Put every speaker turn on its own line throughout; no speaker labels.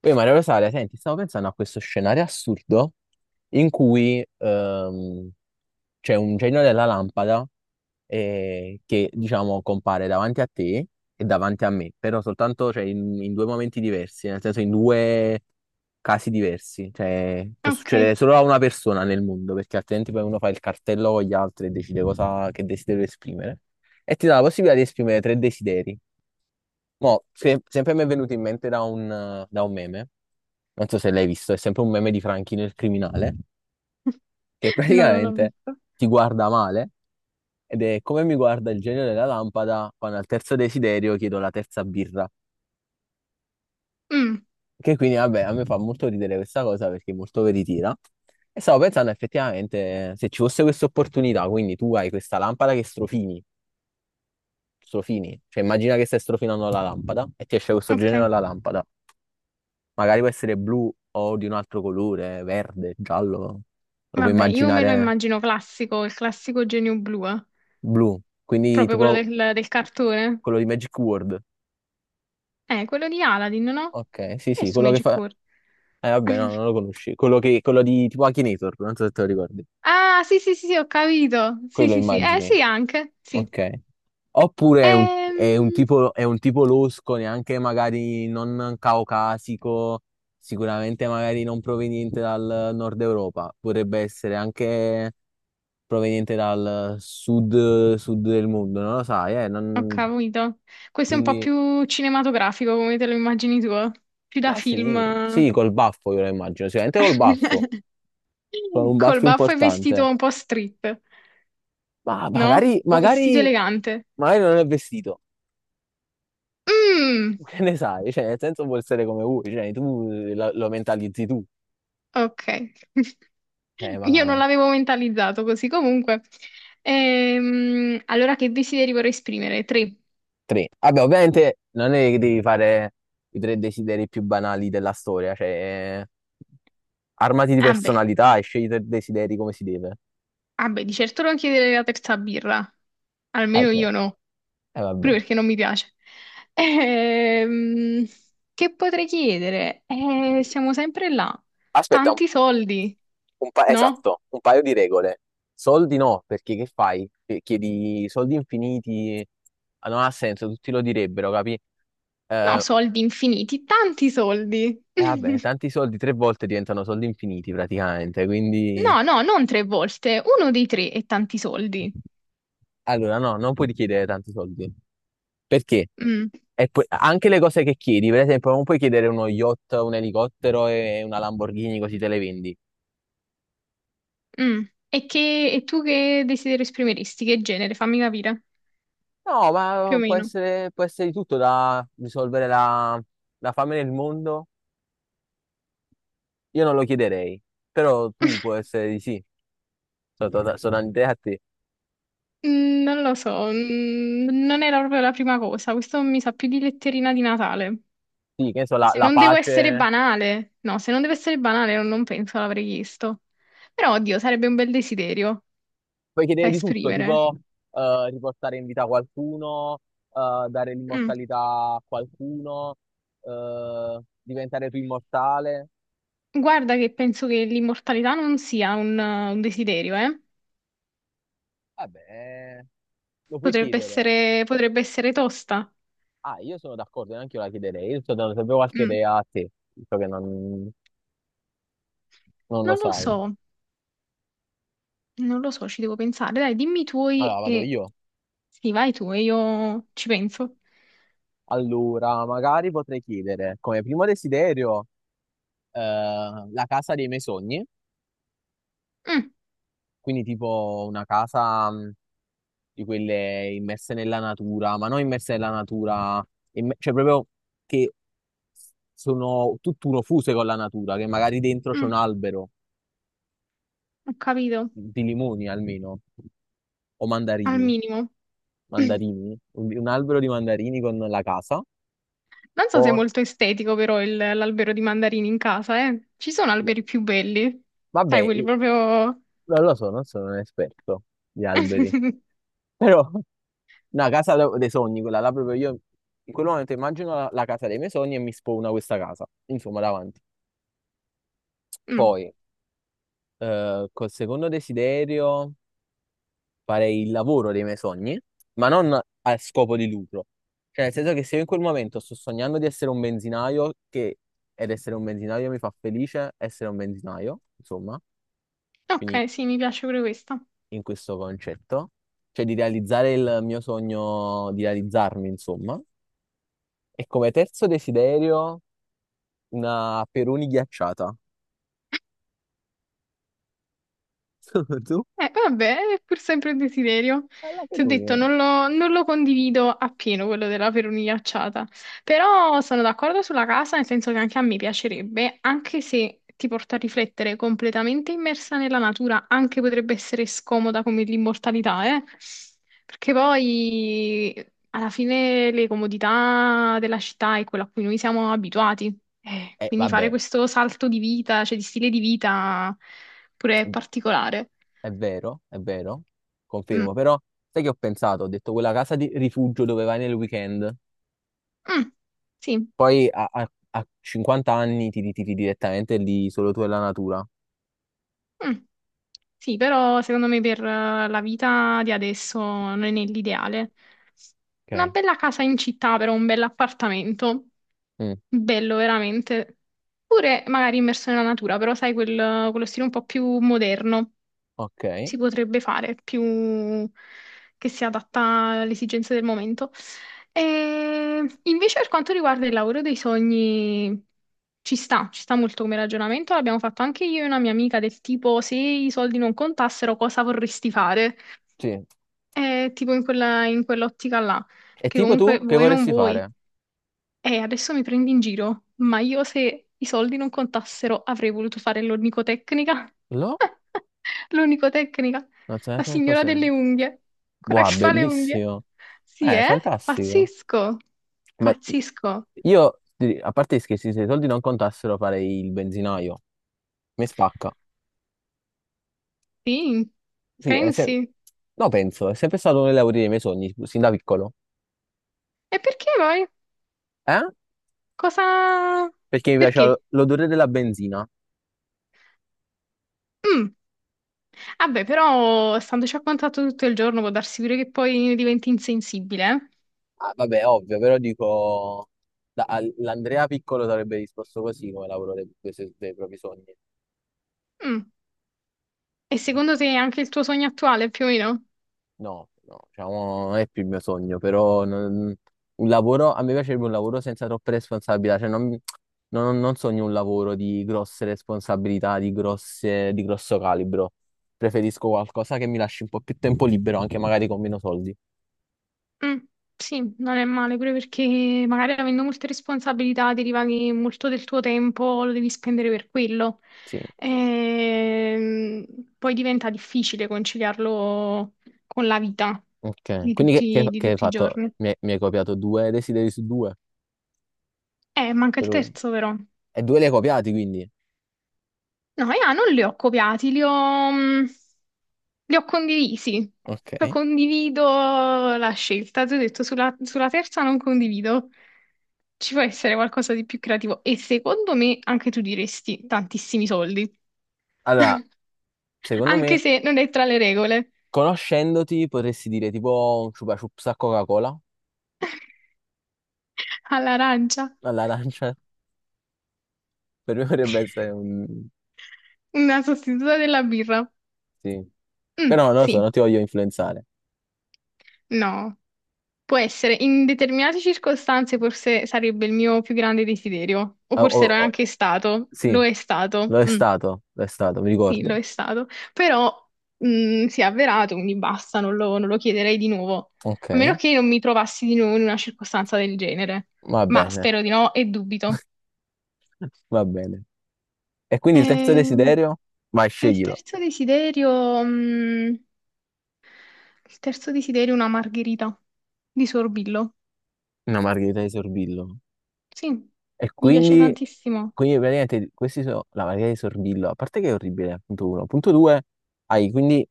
Poi Maria Rosaria, senti, stavo pensando a questo scenario assurdo in cui c'è un genio della lampada che, diciamo, compare davanti a te e davanti a me, però soltanto in due momenti diversi, nel senso in due casi diversi. Cioè, può succedere
Ok,
solo a una persona nel mondo, perché altrimenti poi uno fa il cartello con gli altri e decide cosa, che desiderio esprimere. E ti dà la possibilità di esprimere tre desideri. Mo, sempre mi è venuto in mente da un meme, non so se l'hai visto, è sempre un meme di Franchino il criminale, che
no, non l'ho
praticamente
visto.
ti guarda male ed è come mi guarda il genio della lampada quando al terzo desiderio chiedo la terza birra.
Mm,
Che quindi, vabbè, a me fa molto ridere questa cosa perché è molto veritiera. E stavo pensando effettivamente se ci fosse questa opportunità, quindi tu hai questa lampada che strofini, cioè immagina che stai strofinando la lampada e ti esce questo
ok,
genio della lampada, magari può essere blu o di un altro colore, verde, giallo, lo puoi
vabbè, io me lo
immaginare.
immagino classico, il classico genio blu, eh.
Blu, quindi
Proprio quello
tipo
del cartone.
quello di Magic World.
Quello di Aladdin, no?
Ok, sì,
Che è
sì,
su
quello che
Magic
fa...
World?
Vabbè, no, non lo conosci. Quello che... quello di tipo Akinator, non so se te lo ricordi.
Ah, sì, sì, sì, sì, ho capito. Sì,
Quello
sì, sì.
immagini.
Sì, anche, sì.
Ok. Oppure è un
Ehm,
tipo, è un tipo losco, neanche magari non caucasico, sicuramente magari non proveniente dal nord Europa, potrebbe essere anche proveniente dal sud, sud del mondo, non lo sai, eh?
Ho capito. Questo è un po'
Quindi...
più cinematografico, come te lo immagini tu, eh? Più da
Ah
film.
sì, sì, col baffo io lo immagino, sicuramente col baffo,
Eh.
con un
Col
baffo
baffo e vestito
importante.
un po' street,
Ma
no?
magari,
O vestito
magari,
elegante.
magari non è vestito,
Mm.
che ne sai? Cioè, nel senso può essere come vuoi, cioè, tu lo mentalizzi tu.
Ok.
Cioè,
Io
ma
non l'avevo mentalizzato così. Comunque, allora che desideri vorrei esprimere? Tre.
tre. Vabbè, ovviamente non è che devi fare i tre desideri più banali della storia, cioè, armati di
Ah beh,
personalità e scegli i tre desideri come si deve.
ah beh, di certo non chiedere la terza birra.
Eh
Almeno
beh,
io no,
eh vabbè.
proprio perché non mi piace. Ehm, che potrei chiedere? Siamo sempre là.
Aspetta,
Tanti soldi, no?
Esatto, un paio di regole. Soldi no, perché che fai? Chiedi soldi infiniti, ah, non ha senso, tutti lo direbbero, capi?
No,
Eh,
soldi infiniti, tanti soldi.
e vabbè, tanti soldi tre volte diventano soldi infiniti praticamente, quindi
No, no, non tre volte, uno dei tre e tanti soldi.
allora no, non puoi chiedere tanti soldi. Perché?
Mm.
Anche le cose che chiedi, per esempio, non puoi chiedere uno yacht, un elicottero e una Lamborghini così te le vendi.
Mm. E tu che desiderio esprimeresti? Che genere? Fammi capire,
No,
più
ma
o meno.
può essere di tutto, da risolvere la, la fame nel mondo. Io non lo chiederei, però tu può essere di sì, sono, sono un'idea a te.
Mm, non lo so, non era proprio la prima cosa. Questo mi sa più di letterina di Natale.
Sì, che ne so, la,
Se
la
non devo essere
pace,
banale, no, se non deve essere banale, non penso l'avrei chiesto. Però, oddio, sarebbe un bel desiderio
puoi
da
chiedere di tutto,
esprimere.
tipo riportare in vita qualcuno, dare
Mm.
l'immortalità a qualcuno, diventare tu immortale.
Guarda che penso che l'immortalità non sia un desiderio, eh?
Vabbè, lo puoi chiedere.
Potrebbe essere tosta.
Ah, io sono d'accordo, neanche io la chiederei, io sto dando sempre qualche
Mm.
idea a te, visto che non, non lo
Non lo
sai.
so. Non lo so, ci devo pensare. Dai, dimmi i tuoi
Allora, vado
e.
io.
Sì, vai tu e io ci penso.
Allora, magari potrei chiedere come primo desiderio, la casa dei miei sogni,
Mm,
quindi tipo una casa di quelle immerse nella natura, ma non immerse nella natura, cioè proprio che sono tutt'uno, fuse con la natura, che magari dentro c'è un
mm,
albero
ho capito,
di limoni almeno, o
al
mandarini,
minimo.
mandarini, un albero di mandarini con la casa.
Non so se è
Poi,
molto estetico però l'albero di mandarini in casa, eh. Ci sono
beh,
alberi più belli.
vabbè,
Sai, quelli proprio.
non lo so, non sono un esperto di alberi, però una dei sogni, quella là proprio, io in quel momento immagino la, la casa dei miei sogni e mi spawna questa casa, insomma, davanti.
Mm,
Poi, col secondo desiderio, farei il lavoro dei miei sogni, ma non a scopo di lucro. Cioè, nel senso che se io in quel momento sto sognando di essere un benzinaio, che ed essere un benzinaio mi fa felice, essere un benzinaio, insomma, quindi
ok, sì, mi piace pure questa.
in questo concetto, cioè di realizzare il mio sogno, di realizzarmi, insomma. E come terzo desiderio... Una Peroni ghiacciata. Tu?
Vabbè, è pur sempre un desiderio.
La
Ti ho
Peroni.
detto, non lo condivido appieno quello della perunia acciata, però sono d'accordo sulla casa, nel senso che anche a me piacerebbe, anche se ti porta a riflettere completamente immersa nella natura, anche potrebbe essere scomoda come l'immortalità, eh? Perché poi alla fine le comodità della città è quello a cui noi siamo abituati.
Eh,
Quindi fare
vabbè,
questo salto di vita, cioè di stile di vita, pure è particolare.
è vero,
Mm,
confermo, però sai che ho pensato? Ho detto quella casa di rifugio dove vai nel weekend,
mm, sì,
poi a 50 anni ti ritiri direttamente lì, solo tu e la natura.
mm. Sì, però secondo me per la vita di adesso non è l'ideale. Una
Ok.
bella casa in città, però un bell'appartamento,
Mm,
bello veramente. Pure magari immerso nella natura, però sai, quello stile un po' più moderno
ok,
si potrebbe fare, più che si adatta alle esigenze del momento. E invece per quanto riguarda il lavoro dei sogni, ci sta molto come ragionamento, l'abbiamo fatto anche io e una mia amica del tipo se i soldi non contassero cosa vorresti fare?
sì.
Tipo in quell'ottica là,
E
perché
tipo tu,
comunque
che
vuoi non
vorresti
vuoi.
fare?
Adesso mi prendi in giro, ma io se i soldi non contassero avrei voluto fare l'onicotecnica.
Lo?
L'onicotecnica,
Non so
la
neanche che
signora
cos'è.
delle unghie, quella
Wow,
che fa le unghie.
bellissimo.
Sì, eh?
Fantastico.
Pazzesco,
Ma
pazzesco.
io, a parte gli scherzi, se i soldi non contassero farei il benzinaio. Mi spacca.
Sì,
Sì, è se-
pensi?
no, penso, è sempre stato uno dei lavori dei miei sogni, sin da piccolo.
E perché poi?
Eh?
Cosa.
Perché mi piaceva
Perché?
l'odore della benzina.
Mm. Vabbè, però standoci a contatto tutto il giorno può darsi pure che poi diventi insensibile.
Ah, vabbè, ovvio, però dico... L'Andrea piccolo sarebbe risposto così come lavoro dei propri sogni.
Eh? Mm. E secondo te anche il tuo sogno attuale, più o meno?
No, no, diciamo, non è più il mio sogno, però non- un lavoro, a me piacerebbe un lavoro senza troppe responsabilità, cioè non, non sogno un lavoro di grosse responsabilità, di grosso calibro. Preferisco qualcosa che mi lasci un po' più tempo libero, anche magari con meno soldi.
Mm, sì, non è male, pure perché magari avendo molte responsabilità deriva che molto del tuo tempo lo devi spendere per quello.
Sì,
Ehm, poi diventa difficile conciliarlo con la vita
ok.
di
Quindi
tutti, di
che hai
tutti i
fatto?
giorni.
Hai, mi hai copiato due desideri su due,
Manca il
per ora.
terzo però.
E due li hai copiati, quindi.
No, io non li ho copiati, li ho condivisi. Cioè,
Ok.
condivido la scelta, ti ho detto, sulla terza non condivido. Ci può essere qualcosa di più creativo e secondo me anche tu diresti tantissimi soldi,
Allora, secondo
anche
me,
se non è tra le regole.
conoscendoti, potresti dire tipo un chupa chups a Coca-Cola,
All'arancia,
all'arancia. Per me potrebbe essere un...
una sostituta della birra.
Sì.
Mm,
Però non lo so,
sì,
non ti voglio influenzare.
no, può essere. In determinate circostanze forse sarebbe il mio più grande desiderio, o
Ah, oh,
forse lo è
oh,
anche stato,
sì,
lo è stato. Mm.
lo è stato, mi
Sì,
ricordo.
lo è stato, però si è avverato, quindi basta, non lo chiederei di nuovo,
Ok,
a meno che non mi trovassi di nuovo in una circostanza del genere,
va
ma
bene,
spero di no e dubito.
va bene. E quindi il terzo
Ehm,
desiderio? Vai,
E, il
sceglilo.
terzo desiderio, mh, il terzo desiderio è una margherita di Sorbillo.
Una margherita di Sorbillo.
Sì,
E
mi piace
quindi,
tantissimo.
quindi praticamente questi sono la margherita di Sorbillo. A parte che è orribile, punto uno. Punto due, hai quindi,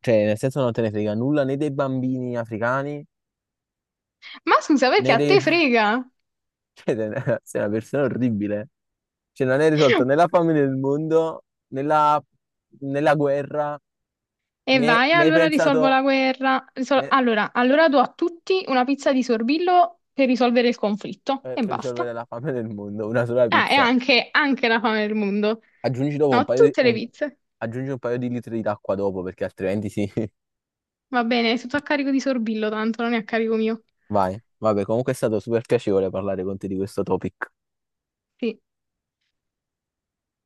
cioè nel senso non te ne frega nulla né dei bambini africani,
Ma scusa, perché
né
a
dei...
te frega?
Cioè, sei una persona orribile. Cioè, non è risolto né la fame nel mondo, né la, né la guerra,
E
né,
vai,
né hai
allora risolvo
pensato
la guerra. Risol-
né-
allora, allora do a tutti una pizza di sorbillo per risolvere il conflitto e
per
basta.
risolvere la fame nel mondo, una sola
Ah, e
pizza.
anche la fame del mondo.
Aggiungi dopo un
No,
paio di,
tutte le pizze.
aggiungi un paio di litri d'acqua dopo, perché altrimenti sì.
Va bene, è tutto a carico di sorbillo, tanto non è a carico mio.
Vai. Vabbè, comunque è stato super piacevole parlare con te di questo topic.
Sì.